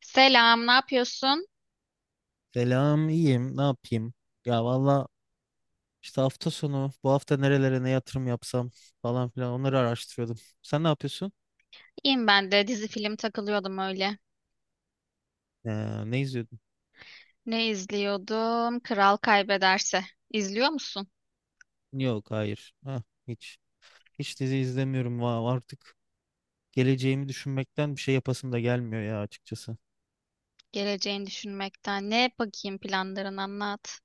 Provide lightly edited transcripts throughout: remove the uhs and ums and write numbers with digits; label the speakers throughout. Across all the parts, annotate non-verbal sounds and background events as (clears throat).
Speaker 1: Selam, ne yapıyorsun?
Speaker 2: Selam, iyiyim. Ne yapayım? Ya valla işte hafta sonu bu hafta nerelere ne yatırım yapsam falan filan onları araştırıyordum. Sen ne yapıyorsun?
Speaker 1: İyiyim ben de. Dizi film takılıyordum öyle.
Speaker 2: Ne izliyordun?
Speaker 1: Ne izliyordum? Kral Kaybederse. İzliyor musun?
Speaker 2: Yok, hayır. Ha, hiç. Hiç dizi izlemiyorum. Artık geleceğimi düşünmekten bir şey yapasım da gelmiyor ya açıkçası.
Speaker 1: Geleceğini düşünmekten. Ne bakayım, planların anlat.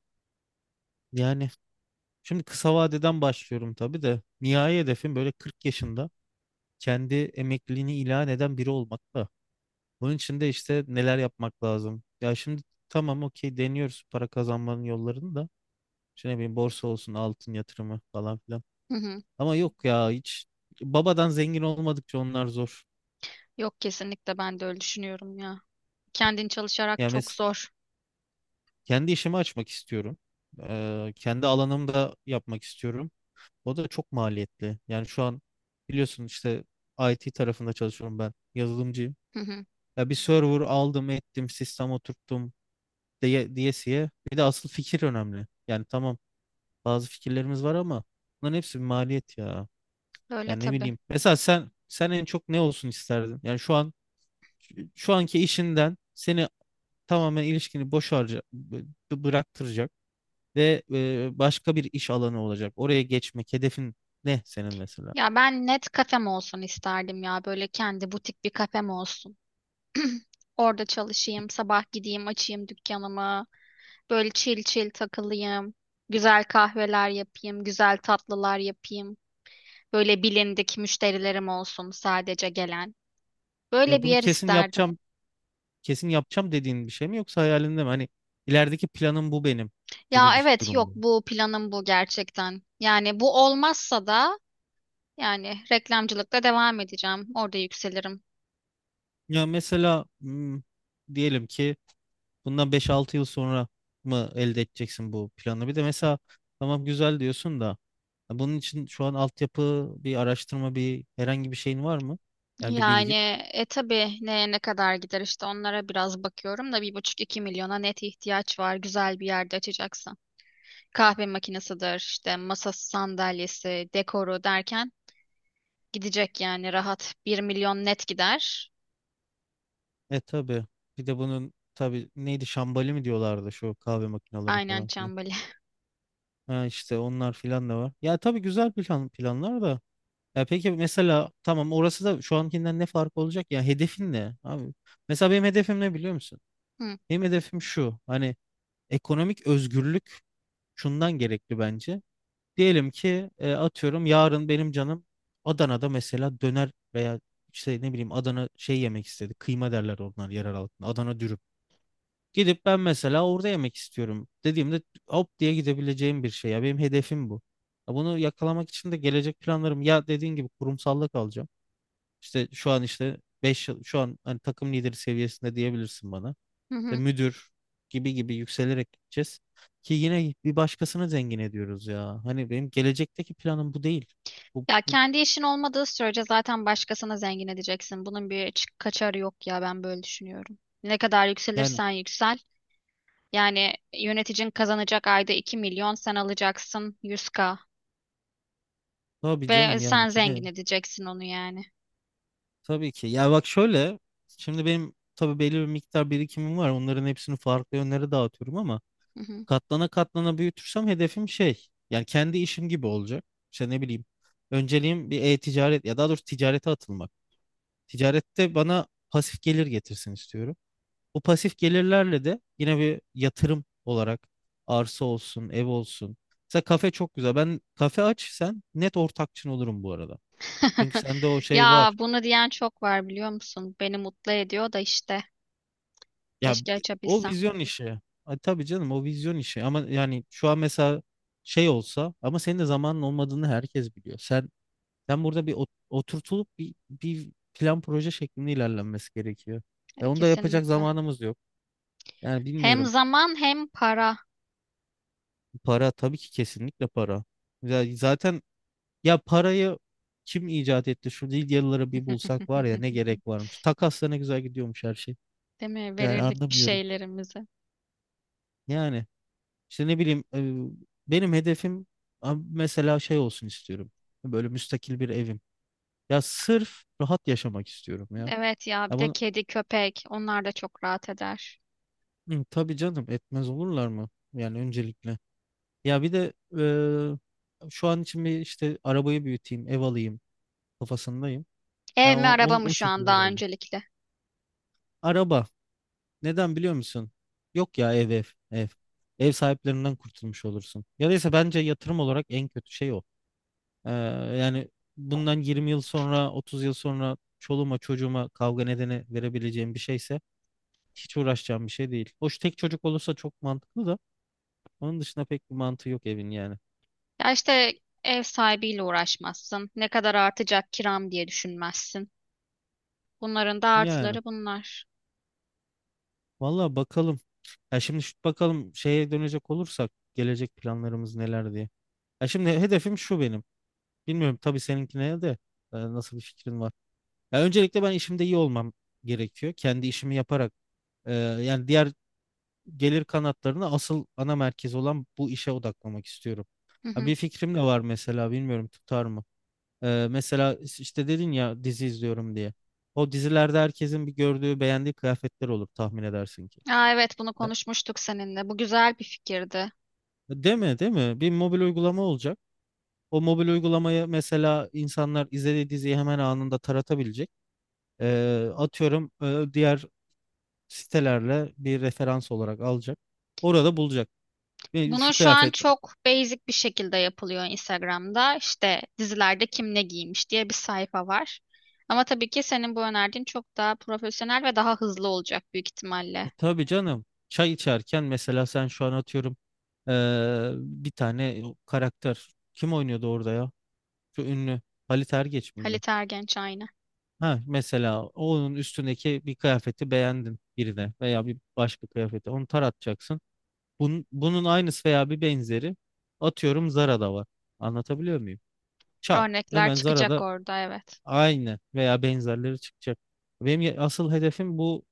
Speaker 2: Yani şimdi kısa vadeden başlıyorum tabii de. Nihai hedefim böyle 40 yaşında kendi emekliliğini ilan eden biri olmak da. Bunun için de işte neler yapmak lazım? Ya şimdi tamam okey deniyoruz para kazanmanın yollarını da. İşte ne bileyim borsa olsun altın yatırımı falan filan.
Speaker 1: Hı hı.
Speaker 2: Ama yok ya hiç babadan zengin olmadıkça onlar zor.
Speaker 1: Yok, kesinlikle ben de öyle düşünüyorum ya. Kendin çalışarak
Speaker 2: Yani
Speaker 1: çok zor.
Speaker 2: kendi işimi açmak istiyorum. Kendi alanımda yapmak istiyorum. O da çok maliyetli. Yani şu an biliyorsun işte IT tarafında çalışıyorum ben. Yazılımcıyım.
Speaker 1: Hı hı.
Speaker 2: Ya bir server aldım ettim sistem oturttum diyesiye. Bir de asıl fikir önemli. Yani tamam bazı fikirlerimiz var ama bunların hepsi bir maliyet ya.
Speaker 1: Öyle
Speaker 2: Yani ne
Speaker 1: tabii.
Speaker 2: bileyim. Mesela sen en çok ne olsun isterdin? Yani şu an şu anki işinden seni tamamen ilişkini boş harca bıraktıracak ve başka bir iş alanı olacak. Oraya geçmek hedefin ne senin mesela?
Speaker 1: Ya ben net kafem olsun isterdim ya. Böyle kendi butik bir kafem olsun. (clears throat) Orada çalışayım, sabah gideyim, açayım dükkanımı. Böyle chill chill takılayım. Güzel kahveler yapayım, güzel tatlılar yapayım. Böyle bilindik müşterilerim olsun sadece gelen.
Speaker 2: Ya
Speaker 1: Böyle bir
Speaker 2: bunu
Speaker 1: yer
Speaker 2: kesin
Speaker 1: isterdim.
Speaker 2: yapacağım, kesin yapacağım dediğin bir şey mi yoksa hayalinde mi? Hani ilerideki planım bu benim gibi
Speaker 1: Ya
Speaker 2: bir
Speaker 1: evet,
Speaker 2: durum
Speaker 1: yok
Speaker 2: mu?
Speaker 1: bu planım, bu gerçekten. Yani bu olmazsa da yani reklamcılıkta devam edeceğim. Orada yükselirim.
Speaker 2: Ya mesela diyelim ki bundan 5-6 yıl sonra mı elde edeceksin bu planı? Bir de mesela tamam güzel diyorsun da ya bunun için şu an altyapı, bir araştırma, bir herhangi bir şeyin var mı? Yani bir
Speaker 1: Yani
Speaker 2: bilgin.
Speaker 1: tabii neye ne kadar gider işte onlara biraz bakıyorum da 1,5-2 milyona net ihtiyaç var güzel bir yerde açacaksam. Kahve makinesidir, işte masası, sandalyesi, dekoru derken gidecek, yani rahat 1 milyon net gider.
Speaker 2: E, tabii. Bir de bunun tabii neydi şambali mi diyorlardı şu kahve makineleri
Speaker 1: Aynen
Speaker 2: falan filan.
Speaker 1: Çambali. (laughs)
Speaker 2: Ha, işte onlar filan da var. Ya tabii güzel plan, planlar da. Ya peki mesela tamam orası da şu ankinden ne fark olacak? Ya hedefin ne abi? Mesela benim hedefim ne biliyor musun?
Speaker 1: Hı,
Speaker 2: Benim hedefim şu. Hani ekonomik özgürlük şundan gerekli bence. Diyelim ki atıyorum yarın benim canım Adana'da mesela döner veya işte ne bileyim Adana şey yemek istedi. Kıyma derler onlar yerel halkında. Adana dürüm. Gidip ben mesela orada yemek istiyorum dediğimde hop diye gidebileceğim bir şey. Ya benim hedefim bu. Ya bunu yakalamak için de gelecek planlarım ya dediğin gibi kurumsallık alacağım. İşte şu an işte 5 yıl şu an hani takım lideri seviyesinde diyebilirsin bana
Speaker 1: hı
Speaker 2: işte
Speaker 1: hı.
Speaker 2: müdür gibi gibi yükselerek gideceğiz. Ki yine bir başkasını zengin ediyoruz ya. Hani benim gelecekteki planım bu değil. Bu,
Speaker 1: Ya
Speaker 2: bu
Speaker 1: kendi işin olmadığı sürece zaten başkasına zengin edeceksin. Bunun bir kaçarı yok ya, ben böyle düşünüyorum. Ne kadar
Speaker 2: Yani
Speaker 1: yükselirsen yüksel. Yani yöneticin kazanacak ayda 2 milyon, sen alacaksın 100K.
Speaker 2: tabii
Speaker 1: Ve
Speaker 2: canım
Speaker 1: sen
Speaker 2: yani kime?
Speaker 1: zengin edeceksin onu yani.
Speaker 2: Tabii ki. Ya bak şöyle şimdi benim tabii belli bir miktar birikimim var. Onların hepsini farklı yönlere dağıtıyorum ama
Speaker 1: Hı hı.
Speaker 2: katlana katlana büyütürsem hedefim şey yani kendi işim gibi olacak. İşte ne bileyim önceliğim bir e-ticaret ya daha doğrusu ticarete atılmak. Ticarette bana pasif gelir getirsin istiyorum. Bu pasif gelirlerle de yine bir yatırım olarak arsa olsun, ev olsun. Mesela kafe çok güzel. Ben kafe aç sen net ortakçın olurum bu arada. Çünkü
Speaker 1: (laughs)
Speaker 2: sende o şey
Speaker 1: Ya
Speaker 2: var.
Speaker 1: bunu diyen çok var, biliyor musun? Beni mutlu ediyor da işte.
Speaker 2: Ya
Speaker 1: Keşke
Speaker 2: o
Speaker 1: açabilsem.
Speaker 2: vizyon işi. Ha, tabii canım o vizyon işi. Ama yani şu an mesela şey olsa ama senin de zamanın olmadığını herkes biliyor. Sen burada bir oturtulup bir plan proje şeklinde ilerlenmesi gerekiyor. Ve onu da yapacak
Speaker 1: Kesinlikle.
Speaker 2: zamanımız yok. Yani
Speaker 1: Hem
Speaker 2: bilmiyorum.
Speaker 1: zaman hem para.
Speaker 2: Para tabii ki kesinlikle para. Ya Zaten Ya parayı kim icat etti? Şu Lidyalıları bir
Speaker 1: (laughs)
Speaker 2: bulsak var ya ne gerek varmış. Takasla ne güzel gidiyormuş her şey.
Speaker 1: Değil mi?
Speaker 2: Yani
Speaker 1: Verirdik bir
Speaker 2: anlamıyorum.
Speaker 1: şeylerimizi.
Speaker 2: Yani işte ne bileyim benim hedefim mesela şey olsun istiyorum. Böyle müstakil bir evim. Ya sırf rahat yaşamak istiyorum ya.
Speaker 1: Evet ya, bir
Speaker 2: Ya
Speaker 1: de
Speaker 2: bunu
Speaker 1: kedi, köpek onlar da çok rahat eder.
Speaker 2: Hı, tabii canım etmez olurlar mı? Yani öncelikle. Ya bir de şu an için bir işte arabayı büyüteyim, ev alayım kafasındayım.
Speaker 1: Ev
Speaker 2: Ya
Speaker 1: mi, araba mı
Speaker 2: o
Speaker 1: şu an
Speaker 2: şekilde
Speaker 1: daha
Speaker 2: ilerliyorum.
Speaker 1: öncelikle?
Speaker 2: Araba. Neden biliyor musun? Yok ya ev ev ev. Ev sahiplerinden kurtulmuş olursun. Ya da ise bence yatırım olarak en kötü şey o. Ee, Yani bundan 20 yıl sonra 30 yıl sonra çoluğuma çocuğuma kavga nedeni verebileceğim bir şeyse hiç uğraşacağım bir şey değil. Hoş tek çocuk olursa çok mantıklı da onun dışında pek bir mantığı yok evin yani.
Speaker 1: Ya işte ev sahibiyle uğraşmazsın. Ne kadar artacak kiram diye düşünmezsin. Bunların da
Speaker 2: Yani
Speaker 1: artıları bunlar.
Speaker 2: valla bakalım. Ya şimdi bakalım şeye dönecek olursak gelecek planlarımız neler diye. Ya şimdi hedefim şu benim. Bilmiyorum tabii seninkine de nasıl bir fikrin var. Ya öncelikle ben işimde iyi olmam gerekiyor. Kendi işimi yaparak yani diğer gelir kanatlarını asıl ana merkez olan bu işe odaklamak istiyorum.
Speaker 1: Hı
Speaker 2: Ha,
Speaker 1: hı.
Speaker 2: bir fikrim de var mesela bilmiyorum tutar mı? E, mesela işte dedin ya dizi izliyorum diye. O dizilerde herkesin bir gördüğü beğendiği kıyafetler olur tahmin edersin ki.
Speaker 1: Aa, evet, bunu konuşmuştuk seninle. Bu güzel bir fikirdi.
Speaker 2: E, değil mi değil mi? Bir mobil uygulama olacak. O mobil uygulamayı mesela insanlar izlediği diziyi hemen anında taratabilecek. E, atıyorum diğer sitelerle bir referans olarak alacak. Orada bulacak. Ve şu
Speaker 1: Bunu şu an
Speaker 2: kıyafet.
Speaker 1: çok basic bir şekilde yapılıyor Instagram'da. İşte dizilerde kim ne giymiş diye bir sayfa var. Ama tabii ki senin bu önerdiğin çok daha profesyonel ve daha hızlı olacak büyük ihtimalle.
Speaker 2: E, tabii canım. Çay içerken mesela sen şu an atıyorum bir tane karakter kim oynuyordu orada ya? Şu ünlü Halit Ergenç miydi?
Speaker 1: Halit Ergenç aynı.
Speaker 2: Ha, mesela onun üstündeki bir kıyafeti beğendin birine veya bir başka kıyafeti onu taratacaksın. Bunun aynısı veya bir benzeri atıyorum Zara'da var. Anlatabiliyor muyum? Çal.
Speaker 1: Örnekler
Speaker 2: Hemen
Speaker 1: çıkacak
Speaker 2: Zara'da
Speaker 1: orada, evet.
Speaker 2: aynen veya benzerleri çıkacak. Benim asıl hedefim bu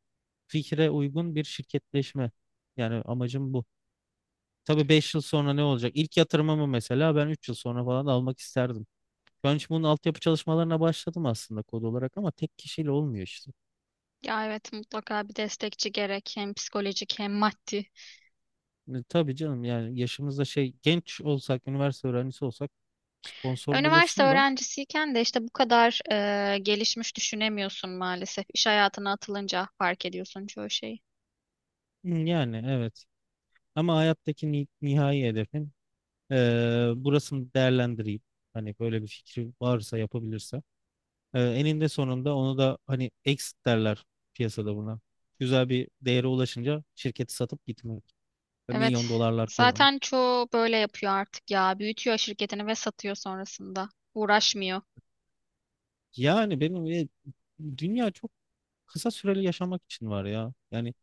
Speaker 2: fikre uygun bir şirketleşme. Yani amacım bu. Tabii 5 yıl sonra ne olacak? İlk yatırımımı mesela ben 3 yıl sonra falan almak isterdim. Şu an için bunun altyapı çalışmalarına başladım aslında kod olarak ama tek kişiyle olmuyor işte.
Speaker 1: Ya evet, mutlaka bir destekçi gerek, hem psikolojik hem maddi.
Speaker 2: E, tabii canım yani yaşımızda şey genç olsak, üniversite öğrencisi olsak sponsor
Speaker 1: Üniversite
Speaker 2: bulursun da.
Speaker 1: öğrencisiyken de işte bu kadar gelişmiş düşünemiyorsun maalesef. İş hayatına atılınca fark ediyorsun çoğu şeyi.
Speaker 2: Hı, yani evet. Ama hayattaki nihai hedefim e, burasını değerlendireyim. Hani böyle bir fikri varsa yapabilirsem eninde sonunda onu da hani exit derler piyasada buna. Güzel bir değere ulaşınca şirketi satıp gitmek. Ve milyon
Speaker 1: Evet.
Speaker 2: dolarlar kazanmak.
Speaker 1: Zaten çoğu böyle yapıyor artık ya. Büyütüyor şirketini ve satıyor sonrasında. Uğraşmıyor.
Speaker 2: Yani benim dünya çok kısa süreli yaşamak için var ya. Yani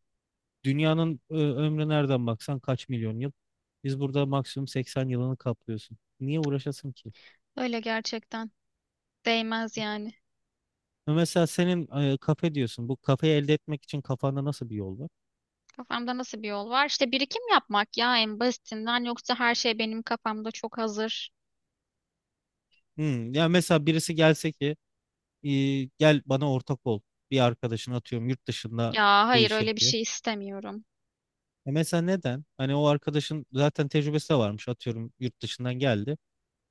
Speaker 2: dünyanın ömrü nereden baksan kaç milyon yıl. Biz burada maksimum 80 yılını kaplıyorsun. Niye uğraşasın ki?
Speaker 1: Öyle gerçekten. Değmez yani.
Speaker 2: Mesela senin kafe diyorsun. Bu kafeyi elde etmek için kafanda nasıl bir yol var?
Speaker 1: Kafamda nasıl bir yol var? İşte birikim yapmak ya, en basitinden, yoksa her şey benim kafamda çok hazır.
Speaker 2: Ya mesela birisi gelse ki e, gel bana ortak ol. Bir arkadaşın atıyorum yurt dışında
Speaker 1: Ya
Speaker 2: bu
Speaker 1: hayır,
Speaker 2: işi
Speaker 1: öyle bir
Speaker 2: yapıyor.
Speaker 1: şey istemiyorum.
Speaker 2: E, mesela neden? Hani o arkadaşın zaten tecrübesi de varmış atıyorum yurt dışından geldi.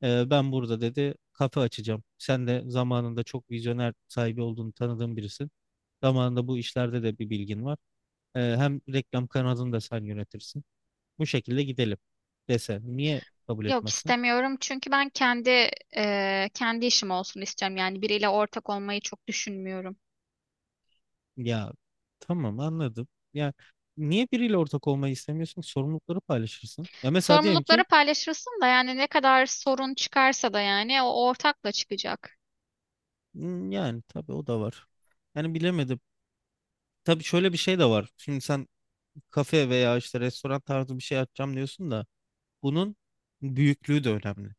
Speaker 2: E, ben burada dedi kafe açacağım. Sen de zamanında çok vizyoner sahibi olduğunu tanıdığım birisin. Zamanında bu işlerde de bir bilgin var. E, hem reklam kanalını da sen yönetirsin. Bu şekilde gidelim dese niye kabul
Speaker 1: Yok
Speaker 2: etmezsin?
Speaker 1: istemiyorum çünkü ben kendi işim olsun istiyorum, yani biriyle ortak olmayı çok düşünmüyorum.
Speaker 2: Ya tamam anladım. Ya niye biriyle ortak olmayı istemiyorsun? Sorumlulukları paylaşırsın. Ya mesela diyelim
Speaker 1: Sorumlulukları
Speaker 2: ki.
Speaker 1: paylaşırsın da yani ne kadar sorun çıkarsa da yani o ortakla çıkacak.
Speaker 2: Yani tabii o da var. Yani bilemedim. Tabii şöyle bir şey de var. Şimdi sen kafe veya işte restoran tarzı bir şey açacağım diyorsun da bunun büyüklüğü de önemli.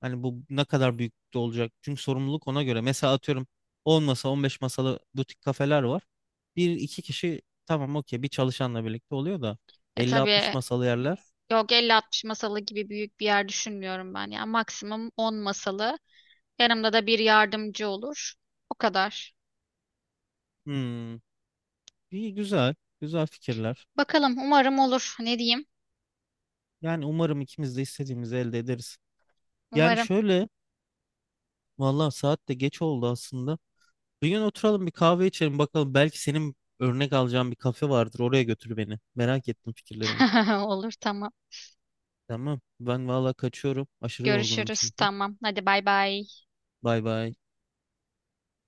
Speaker 2: Hani bu ne kadar büyüklükte olacak? Çünkü sorumluluk ona göre. Mesela atıyorum 10 masa 15 masalı butik kafeler var. Bir iki kişi tamam okey bir çalışanla birlikte oluyor da
Speaker 1: E
Speaker 2: 50-60
Speaker 1: tabii,
Speaker 2: masalı yerler.
Speaker 1: yok 50-60 masalı gibi büyük bir yer düşünmüyorum ben, yani maksimum 10 masalı, yanımda da bir yardımcı olur, o kadar.
Speaker 2: Hmm, iyi güzel. Güzel fikirler.
Speaker 1: Bakalım, umarım olur, ne diyeyim,
Speaker 2: Yani umarım ikimiz de istediğimizi elde ederiz. Yani
Speaker 1: umarım.
Speaker 2: şöyle. Vallahi saat de geç oldu aslında. Bir gün oturalım bir kahve içelim bakalım. Belki senin örnek alacağın bir kafe vardır. Oraya götür beni. Merak ettim fikirlerini.
Speaker 1: (laughs) Olur, tamam,
Speaker 2: Tamam. Ben valla kaçıyorum. Aşırı yorgunum
Speaker 1: görüşürüz,
Speaker 2: çünkü.
Speaker 1: tamam, hadi bay bay.
Speaker 2: Bay bay.